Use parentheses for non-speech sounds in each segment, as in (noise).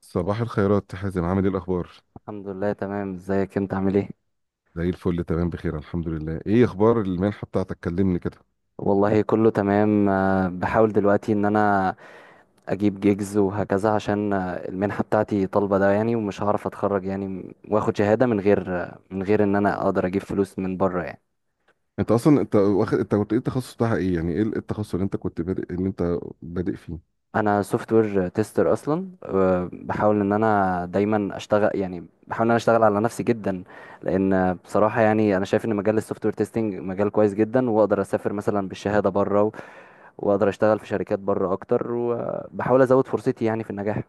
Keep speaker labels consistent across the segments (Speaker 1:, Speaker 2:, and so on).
Speaker 1: صباح الخيرات يا حازم، عامل ايه الاخبار؟
Speaker 2: الحمد لله تمام ازيك انت عامل ايه
Speaker 1: زي الفل، تمام بخير الحمد لله. ايه اخبار المنحه بتاعتك؟ كلمني كده.
Speaker 2: والله كله تمام بحاول دلوقتي ان انا اجيب جيجز وهكذا عشان المنحة بتاعتي طالبة ده يعني ومش هعرف اتخرج يعني واخد شهادة من غير من غير ان انا اقدر اجيب فلوس من بره يعني.
Speaker 1: انت اصلا، انت واخد، انت كنت ايه التخصص بتاعها؟ ايه يعني ايه التخصص اللي انت كنت بادئ، اللي انت بادئ فيه؟
Speaker 2: انا سوفت وير تيستر اصلا، بحاول ان انا دايما اشتغل، يعني بحاول ان انا اشتغل على نفسي جدا لان بصراحة يعني انا شايف ان مجال السوفت وير تيستنج مجال كويس جدا، واقدر اسافر مثلا بالشهادة بره واقدر اشتغل في شركات بره اكتر، وبحاول ازود فرصتي يعني في النجاح.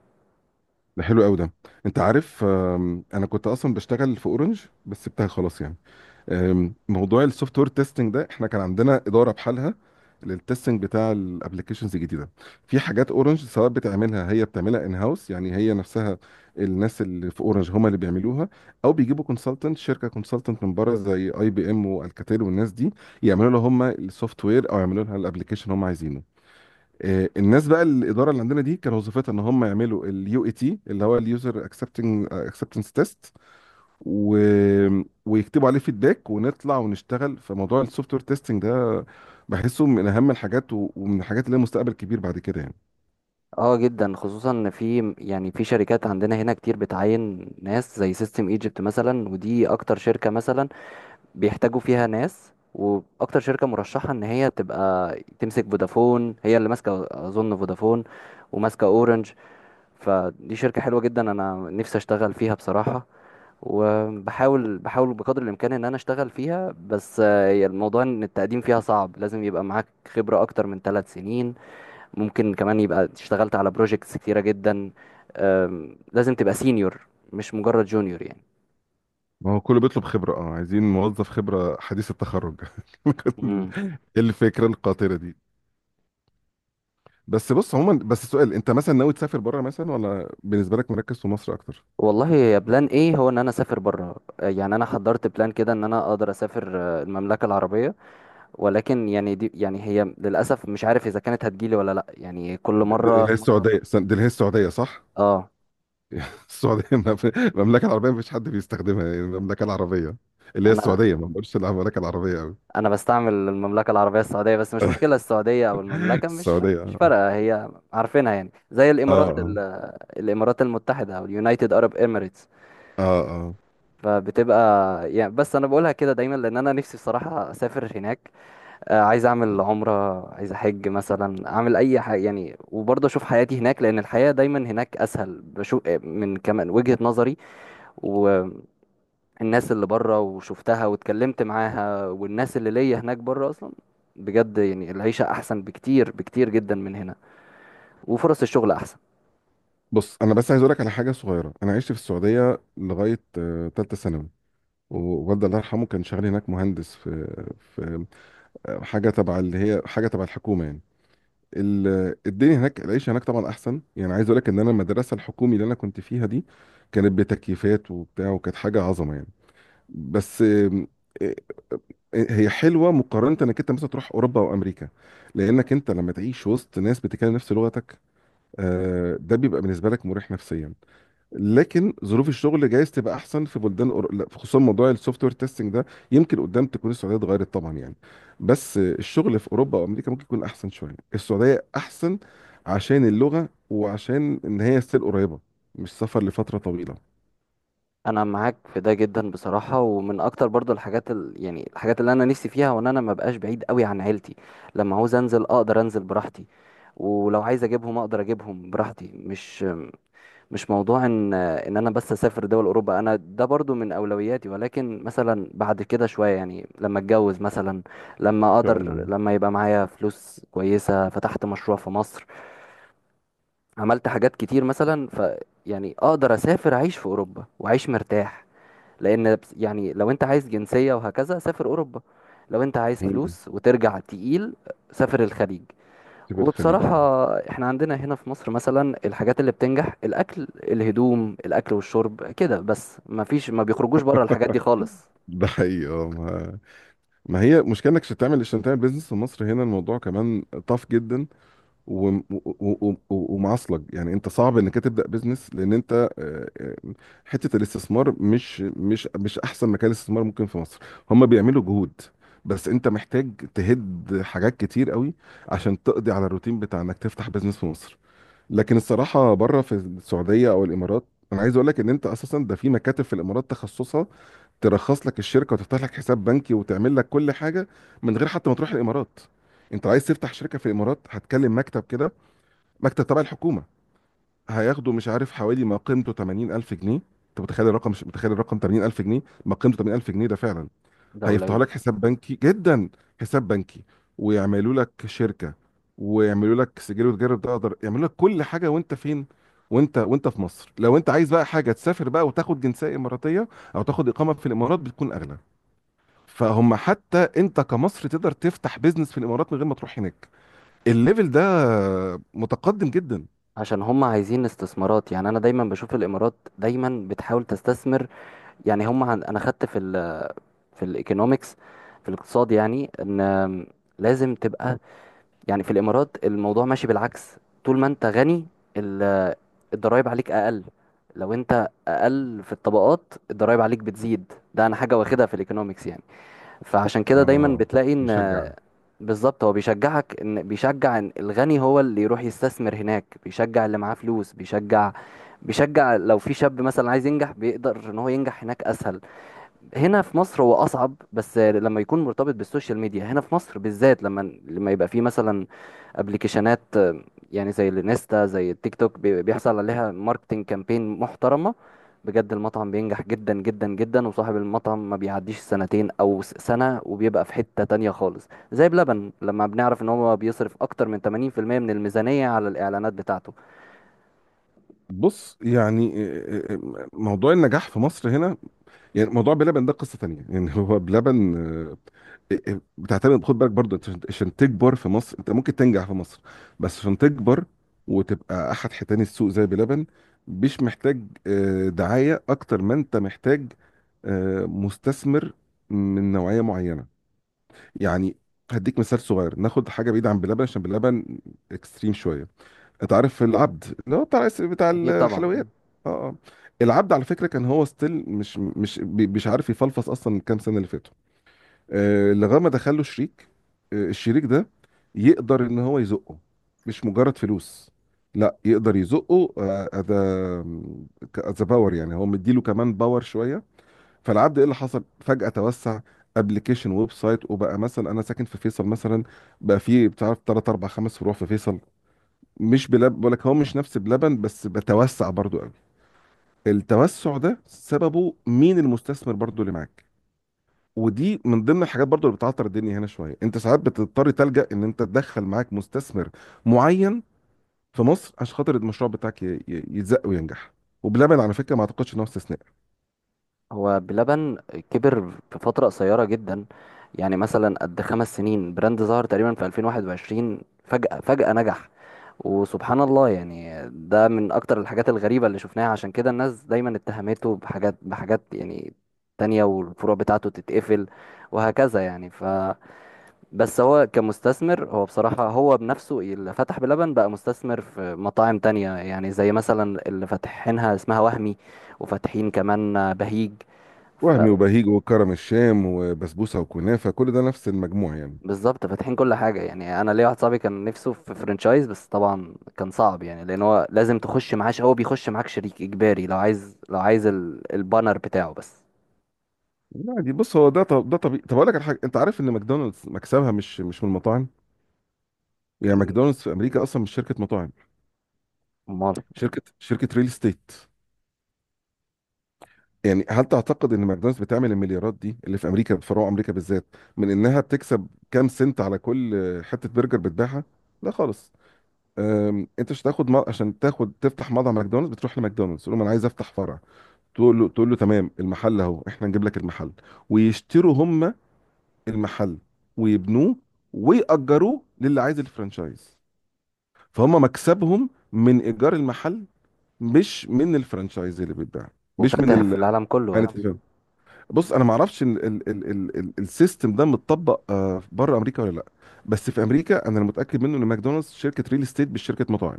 Speaker 1: ده حلو قوي ده. انت عارف، انا كنت اصلا بشتغل في اورنج بس سبتها خلاص يعني. موضوع السوفت وير تيستنج ده احنا كان عندنا اداره بحالها للتستنج بتاع الابلكيشنز الجديده. في حاجات اورنج سواء بتعملها، هي بتعملها ان هاوس يعني، هي نفسها، الناس اللي في اورنج هم اللي بيعملوها، او بيجيبوا كونسلتنت، شركه كونسلتنت من بره زي اي بي ام والكاتيل والناس دي يعملوا لها هم السوفت وير، او يعملوا لها الابلكيشن هم عايزينه. الناس بقى الاداره اللي عندنا دي كان وظيفتها ان هم يعملوا اليو اي تي اللي هو اليوزر اكسبتنس تيست و... ويكتبوا عليه فيدباك ونطلع ونشتغل. فموضوع السوفت وير تيستنج ده بحسه من اهم الحاجات ومن الحاجات اللي لها مستقبل كبير بعد كده يعني.
Speaker 2: اه جدا، خصوصا ان في يعني في شركات عندنا هنا كتير بتعين ناس زي سيستم ايجيبت مثلا، ودي اكتر شركة مثلا بيحتاجوا فيها ناس، واكتر شركة مرشحة ان هي تبقى تمسك فودافون، هي اللي ماسكة اظن فودافون وماسكة اورنج. فدي شركة حلوة جدا انا نفسي اشتغل فيها بصراحة، وبحاول بقدر الامكان ان انا اشتغل فيها، بس هي الموضوع ان التقديم فيها صعب، لازم يبقى معاك خبرة اكتر من 3 سنين، ممكن كمان يبقى اشتغلت على بروجيكتس كتيرة جدا. لازم تبقى سينيور، مش مجرد جونيور يعني.
Speaker 1: ما هو كله بيطلب خبرة، اه عايزين موظف خبرة حديث التخرج. (laughs)
Speaker 2: مم.
Speaker 1: الفكرة القاطرة دي. بس بص عموما، بس السؤال، انت مثلا ناوي تسافر بره مثلا ولا بالنسبة لك مركز في مصر اكتر؟
Speaker 2: والله يا بلان ايه، هو ان انا اسافر بره يعني انا حضرت بلان كده ان انا اقدر اسافر المملكه العربيه، ولكن يعني دي يعني هي للاسف مش عارف اذا كانت هتجيلي ولا لا يعني كل مره.
Speaker 1: اللي هي السعودية، دي اللي هي السعودية صح؟
Speaker 2: اه،
Speaker 1: (laughs) السعودية ما في- المملكة العربية مفيش حد بيستخدمها يعني، المملكة العربية اللي هي
Speaker 2: انا
Speaker 1: السعودية. ما بقولش المملكة العربية قوي.
Speaker 2: انا بستعمل المملكه العربيه السعوديه، بس مش مشكله، السعوديه او المملكه مش
Speaker 1: السعودية
Speaker 2: مش
Speaker 1: اه.
Speaker 2: فارقه، هي عارفينها يعني زي
Speaker 1: اه.
Speaker 2: الامارات
Speaker 1: اه.
Speaker 2: الامارات المتحده، او اليونايتد ارب اميريتس.
Speaker 1: اه. اه.
Speaker 2: فبتبقى يعني، بس انا بقولها كده دايما لان انا نفسي بصراحه اسافر هناك. عايز اعمل عمره، عايز احج مثلا، اعمل اي حاجه يعني، وبرضه اشوف حياتي هناك لان الحياه دايما هناك اسهل، بشوف من كمان وجهه نظري الناس اللي بره وشفتها واتكلمت معاها، والناس اللي ليا هناك بره اصلا، بجد يعني العيشة احسن بكتير بكتير جدا من هنا، وفرص الشغل احسن.
Speaker 1: بص انا بس عايز اقول لك على حاجة صغيرة. انا عشت في السعودية لغاية تالتة ثانوي. ووالدي الله يرحمه كان شغال هناك مهندس في حاجة تبع، اللي هي حاجة تبع الحكومة يعني. الدنيا هناك، العيش هناك طبعا احسن. يعني عايز اقول لك ان انا المدرسة الحكومي اللي انا كنت فيها دي كانت بتكييفات وبتاع، وكانت حاجة عظمة يعني. بس آه، هي حلوة مقارنة انك انت مثلا تروح اوروبا او امريكا، لانك انت لما تعيش وسط ناس بتتكلم نفس لغتك، ده بيبقى بالنسبه لك مريح نفسيا. لكن ظروف الشغل جايز تبقى احسن في بلدان لا، خصوصا موضوع السوفت وير تيستنج ده يمكن قدام تكون السعوديه اتغيرت طبعا يعني. بس الشغل في اوروبا وامريكا ممكن يكون احسن شويه. السعوديه احسن عشان اللغه، وعشان ان هي ستيل قريبه، مش سفر لفتره طويله. ان
Speaker 2: انا معاك في ده جدا بصراحة، ومن اكتر برضو يعني الحاجات اللي انا نفسي فيها، وان انا ما بقاش بعيد قوي عن عيلتي. لما عاوز انزل اقدر انزل براحتي، ولو عايز اجيبهم اقدر اجيبهم براحتي. مش موضوع ان انا بس اسافر دول اوروبا، انا ده برضو من اولوياتي، ولكن مثلا بعد كده شويه يعني لما اتجوز مثلا، لما
Speaker 1: شاء
Speaker 2: اقدر،
Speaker 1: الله.
Speaker 2: لما يبقى معايا فلوس كويسه، فتحت مشروع في مصر، عملت حاجات كتير مثلا، ف يعني اقدر اسافر اعيش في اوروبا واعيش مرتاح. لان يعني لو انت عايز جنسيه وهكذا سافر اوروبا، لو انت عايز
Speaker 1: مم.
Speaker 2: فلوس وترجع تقيل سافر الخليج.
Speaker 1: في الخليج يعني.
Speaker 2: وبصراحة احنا عندنا هنا في مصر مثلا الحاجات اللي بتنجح الأكل الهدوم، الأكل والشرب كده بس، ما فيش، ما بيخرجوش بره الحاجات دي خالص.
Speaker 1: ده حقيقي. ما هي مشكلة انك عشان تعمل، عشان تعمل بيزنس في مصر هنا الموضوع كمان طاف جدا. ومعصلك يعني، انت صعب انك تبدا بيزنس لان انت آه، آه، حته الاستثمار مش احسن مكان استثمار ممكن في مصر. هم بيعملوا جهود بس انت محتاج تهد حاجات كتير قوي عشان تقضي على الروتين بتاع انك تفتح بيزنس في مصر. لكن الصراحه بره في السعوديه او الامارات، انا عايز اقول لك ان انت اساسا ده في مكاتب في الامارات تخصصها ترخص لك الشركه وتفتح لك حساب بنكي وتعمل لك كل حاجه من غير حتى ما تروح الامارات. انت عايز تفتح شركه في الامارات، هتكلم مكتب كده، مكتب تبع الحكومه، هياخده مش عارف حوالي ما قيمته 80,000 جنيه. انت متخيل الرقم؟ مش متخيل الرقم 80,000 جنيه؟ ما قيمته 80,000 جنيه ده فعلا.
Speaker 2: ده
Speaker 1: هيفتحوا
Speaker 2: قليل.
Speaker 1: لك حساب بنكي جدا، حساب بنكي، ويعملوا لك شركة، ويعملوا لك سجل وتجاري، تقدر يعملوا لك كل حاجة وانت فين، وانت في مصر. لو انت عايز بقى حاجة تسافر بقى وتاخد جنسية إماراتية او تاخد إقامة في الإمارات بتكون أغلى. فهم حتى انت كمصر تقدر تفتح بيزنس في الإمارات من غير ما تروح هناك. الليفل ده متقدم جدا.
Speaker 2: عشان هم عايزين استثمارات يعني، انا دايما بشوف الامارات دايما بتحاول تستثمر، يعني هم انا خدت في في الايكونومكس، في الاقتصاد يعني ان لازم تبقى، يعني في الامارات الموضوع ماشي بالعكس، طول ما انت غني ال... الضرايب عليك اقل، لو انت اقل في الطبقات الضرايب عليك بتزيد، ده انا حاجه واخدها في الايكونومكس يعني، فعشان كده دايما
Speaker 1: اه،
Speaker 2: بتلاقي ان،
Speaker 1: يشجع.
Speaker 2: بالظبط هو بيشجعك ان، بيشجع ان الغني هو اللي يروح يستثمر هناك، بيشجع اللي معاه فلوس، بيشجع لو في شاب مثلا عايز ينجح بيقدر ان هو ينجح هناك اسهل. هنا في مصر هو اصعب، بس لما يكون مرتبط بالسوشيال ميديا هنا في مصر بالذات، لما يبقى في مثلا ابلكيشنات يعني زي الانستا زي التيك توك بيحصل عليها ماركتنج كامبين محترمه، بجد المطعم بينجح جدا جدا جدا، وصاحب المطعم ما بيعديش سنتين او سنه وبيبقى في حته تانية خالص زي بلبن، لما بنعرف ان هو بيصرف اكتر من 80% من الميزانيه على الاعلانات بتاعته.
Speaker 1: بص يعني موضوع النجاح في مصر هنا. يعني موضوع بلبن ده قصة تانية يعني. هو بلبن آه، بتعتمد. خد بالك برضه، انت عشان تكبر في مصر انت ممكن تنجح في مصر. بس عشان تكبر وتبقى احد حيتان السوق زي بلبن مش محتاج دعاية اكتر ما انت محتاج مستثمر من نوعية معينة يعني. هديك مثال صغير، ناخد حاجة بعيدة عن بلبن عشان بلبن اكستريم شوية. انت عارف العبد اللي هو بتاع
Speaker 2: اكيد طبعا.
Speaker 1: الحلويات؟ اه اه. العبد على فكرة كان هو ستيل مش مش عارف يفلفص اصلا من كام سنة اللي فاتوا. لغايه ما دخل له شريك. الشريك ده يقدر ان هو يزقه. مش مجرد فلوس، لا، يقدر يزقه. از باور يعني، هو مديله كمان باور شويه. فالعبد ايه اللي حصل؟ فجاه توسع، ابلكيشن، ويب سايت، وبقى مثلا انا ساكن في فيصل مثلا، بقى في بتعرف 3 4 5 فروع في فيصل. مش بقول لك هو مش نفس بلبن بس بتوسع برضو قوي. التوسع ده سببه مين؟ المستثمر برضو اللي معاك. ودي من ضمن الحاجات برضو اللي بتعطر الدنيا هنا شويه. انت ساعات بتضطر تلجأ ان انت تدخل معاك مستثمر معين في مصر عشان خاطر المشروع بتاعك يتزق وينجح. وبلبن على فكره ما اعتقدش ان هو استثناء.
Speaker 2: هو بلبن كبر في فترة قصيرة جدا، يعني مثلا قد 5 سنين براند ظهر تقريبا في 2021، فجأة نجح، وسبحان الله يعني ده من أكتر الحاجات الغريبة اللي شفناها، عشان كده الناس دايما اتهمته بحاجات يعني تانية، والفروع بتاعته تتقفل وهكذا يعني، ف بس هو كمستثمر، هو بصراحة هو بنفسه اللي فتح بلبن بقى مستثمر في مطاعم تانية، يعني زي مثلا اللي فاتحينها اسمها وهمي، وفاتحين كمان بهيج، ف-
Speaker 1: وهمي وبهيج وكرم الشام وبسبوسه وكنافه، كل ده نفس المجموع يعني.
Speaker 2: بالظبط، فاتحين كل حاجة يعني. أنا ليا واحد صاحبي كان نفسه في فرنشايز، بس طبعا كان صعب يعني، لأن هو لازم تخش معاه هو بيخش معاك شريك إجباري لو عايز، البانر بتاعه بس.
Speaker 1: لا دي بص هو ده، طب ده طبيعي. طب اقول لك على حاجه، انت عارف ان ماكدونالدز مكسبها مش من المطاعم؟ يعني ماكدونالدز في امريكا اصلا مش شركه مطاعم،
Speaker 2: أمال.
Speaker 1: شركه ريل استيت. يعني هل تعتقد ان ماكدونالدز بتعمل المليارات دي اللي في امريكا في فروع امريكا بالذات من انها بتكسب كام سنت على كل حته برجر بتبيعها؟ لا خالص. انت مش هتاخد عشان تاخد تفتح مطعم ماكدونالدز بتروح لماكدونالدز تقول له انا عايز افتح فرع. تقول له تمام المحل اهو، احنا نجيب لك المحل. ويشتروا هم المحل ويبنوه ويأجروه للي عايز الفرانشايز. فهم مكسبهم من ايجار المحل مش من الفرانشايز اللي بيتباع، مش من
Speaker 2: وفاتح في العالم كله أكيد.
Speaker 1: بص انا ما اعرفش السيستم ده متطبق بره امريكا ولا لا. بس في امريكا انا المتاكد منه ان ماكدونالدز شركه ريل استيت مش شركه مطاعم.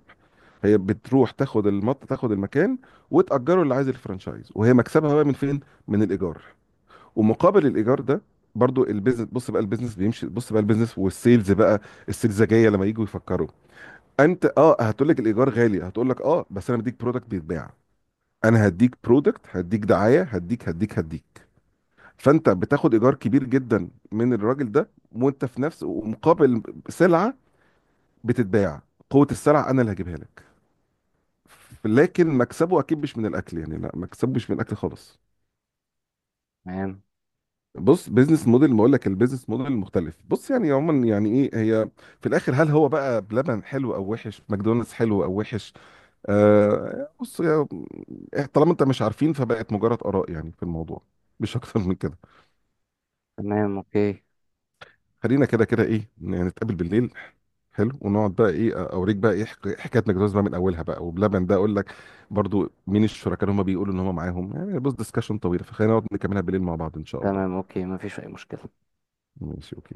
Speaker 1: هي بتروح تاخد المكان وتأجره اللي عايز الفرانشايز، وهي مكسبها بقى من فين؟ من الإيجار. ومقابل الإيجار ده برضو البيزنس، بص بقى البيزنس بيمشي، بص بقى البيزنس والسيلز بقى. السلزجية لما يجوا يفكروا، انت اه هتقول لك الإيجار غالي، هتقول لك اه بس انا بديك برودكت بيتباع. انا هديك برودكت، هديك دعاية، هديك. فانت بتاخد ايجار كبير جدا من الراجل ده وانت في نفس، ومقابل سلعه بتتباع، قوه السلعه انا اللي هجيبها لك. لكن مكسبه اكيد مش من الاكل يعني، لا مكسبه مش من الاكل خالص.
Speaker 2: تمام.
Speaker 1: بص بيزنس موديل، ما اقول لك البيزنس موديل مختلف. بص يعني عموما يعني ايه هي، في الاخر هل هو بقى بلبن حلو او وحش؟ ماكدونالدز حلو او وحش؟ آه بص طالما انت مش عارفين فبقت مجرد اراء يعني في الموضوع، مش اكتر من كده.
Speaker 2: تمام أوكي.
Speaker 1: خلينا كده كده ايه، نتقابل بالليل حلو ونقعد بقى ايه اوريك بقى ايه حكايه ماكدونالدز بقى من اولها بقى، وبلبن ده اقول لك برضو مين الشركاء اللي هم بيقولوا ان هم معاهم يعني. بص ديسكشن طويله فخلينا نقعد نكملها بالليل مع بعض ان شاء الله.
Speaker 2: تمام أوكي، مفيش أي مشكلة.
Speaker 1: ماشي اوكي.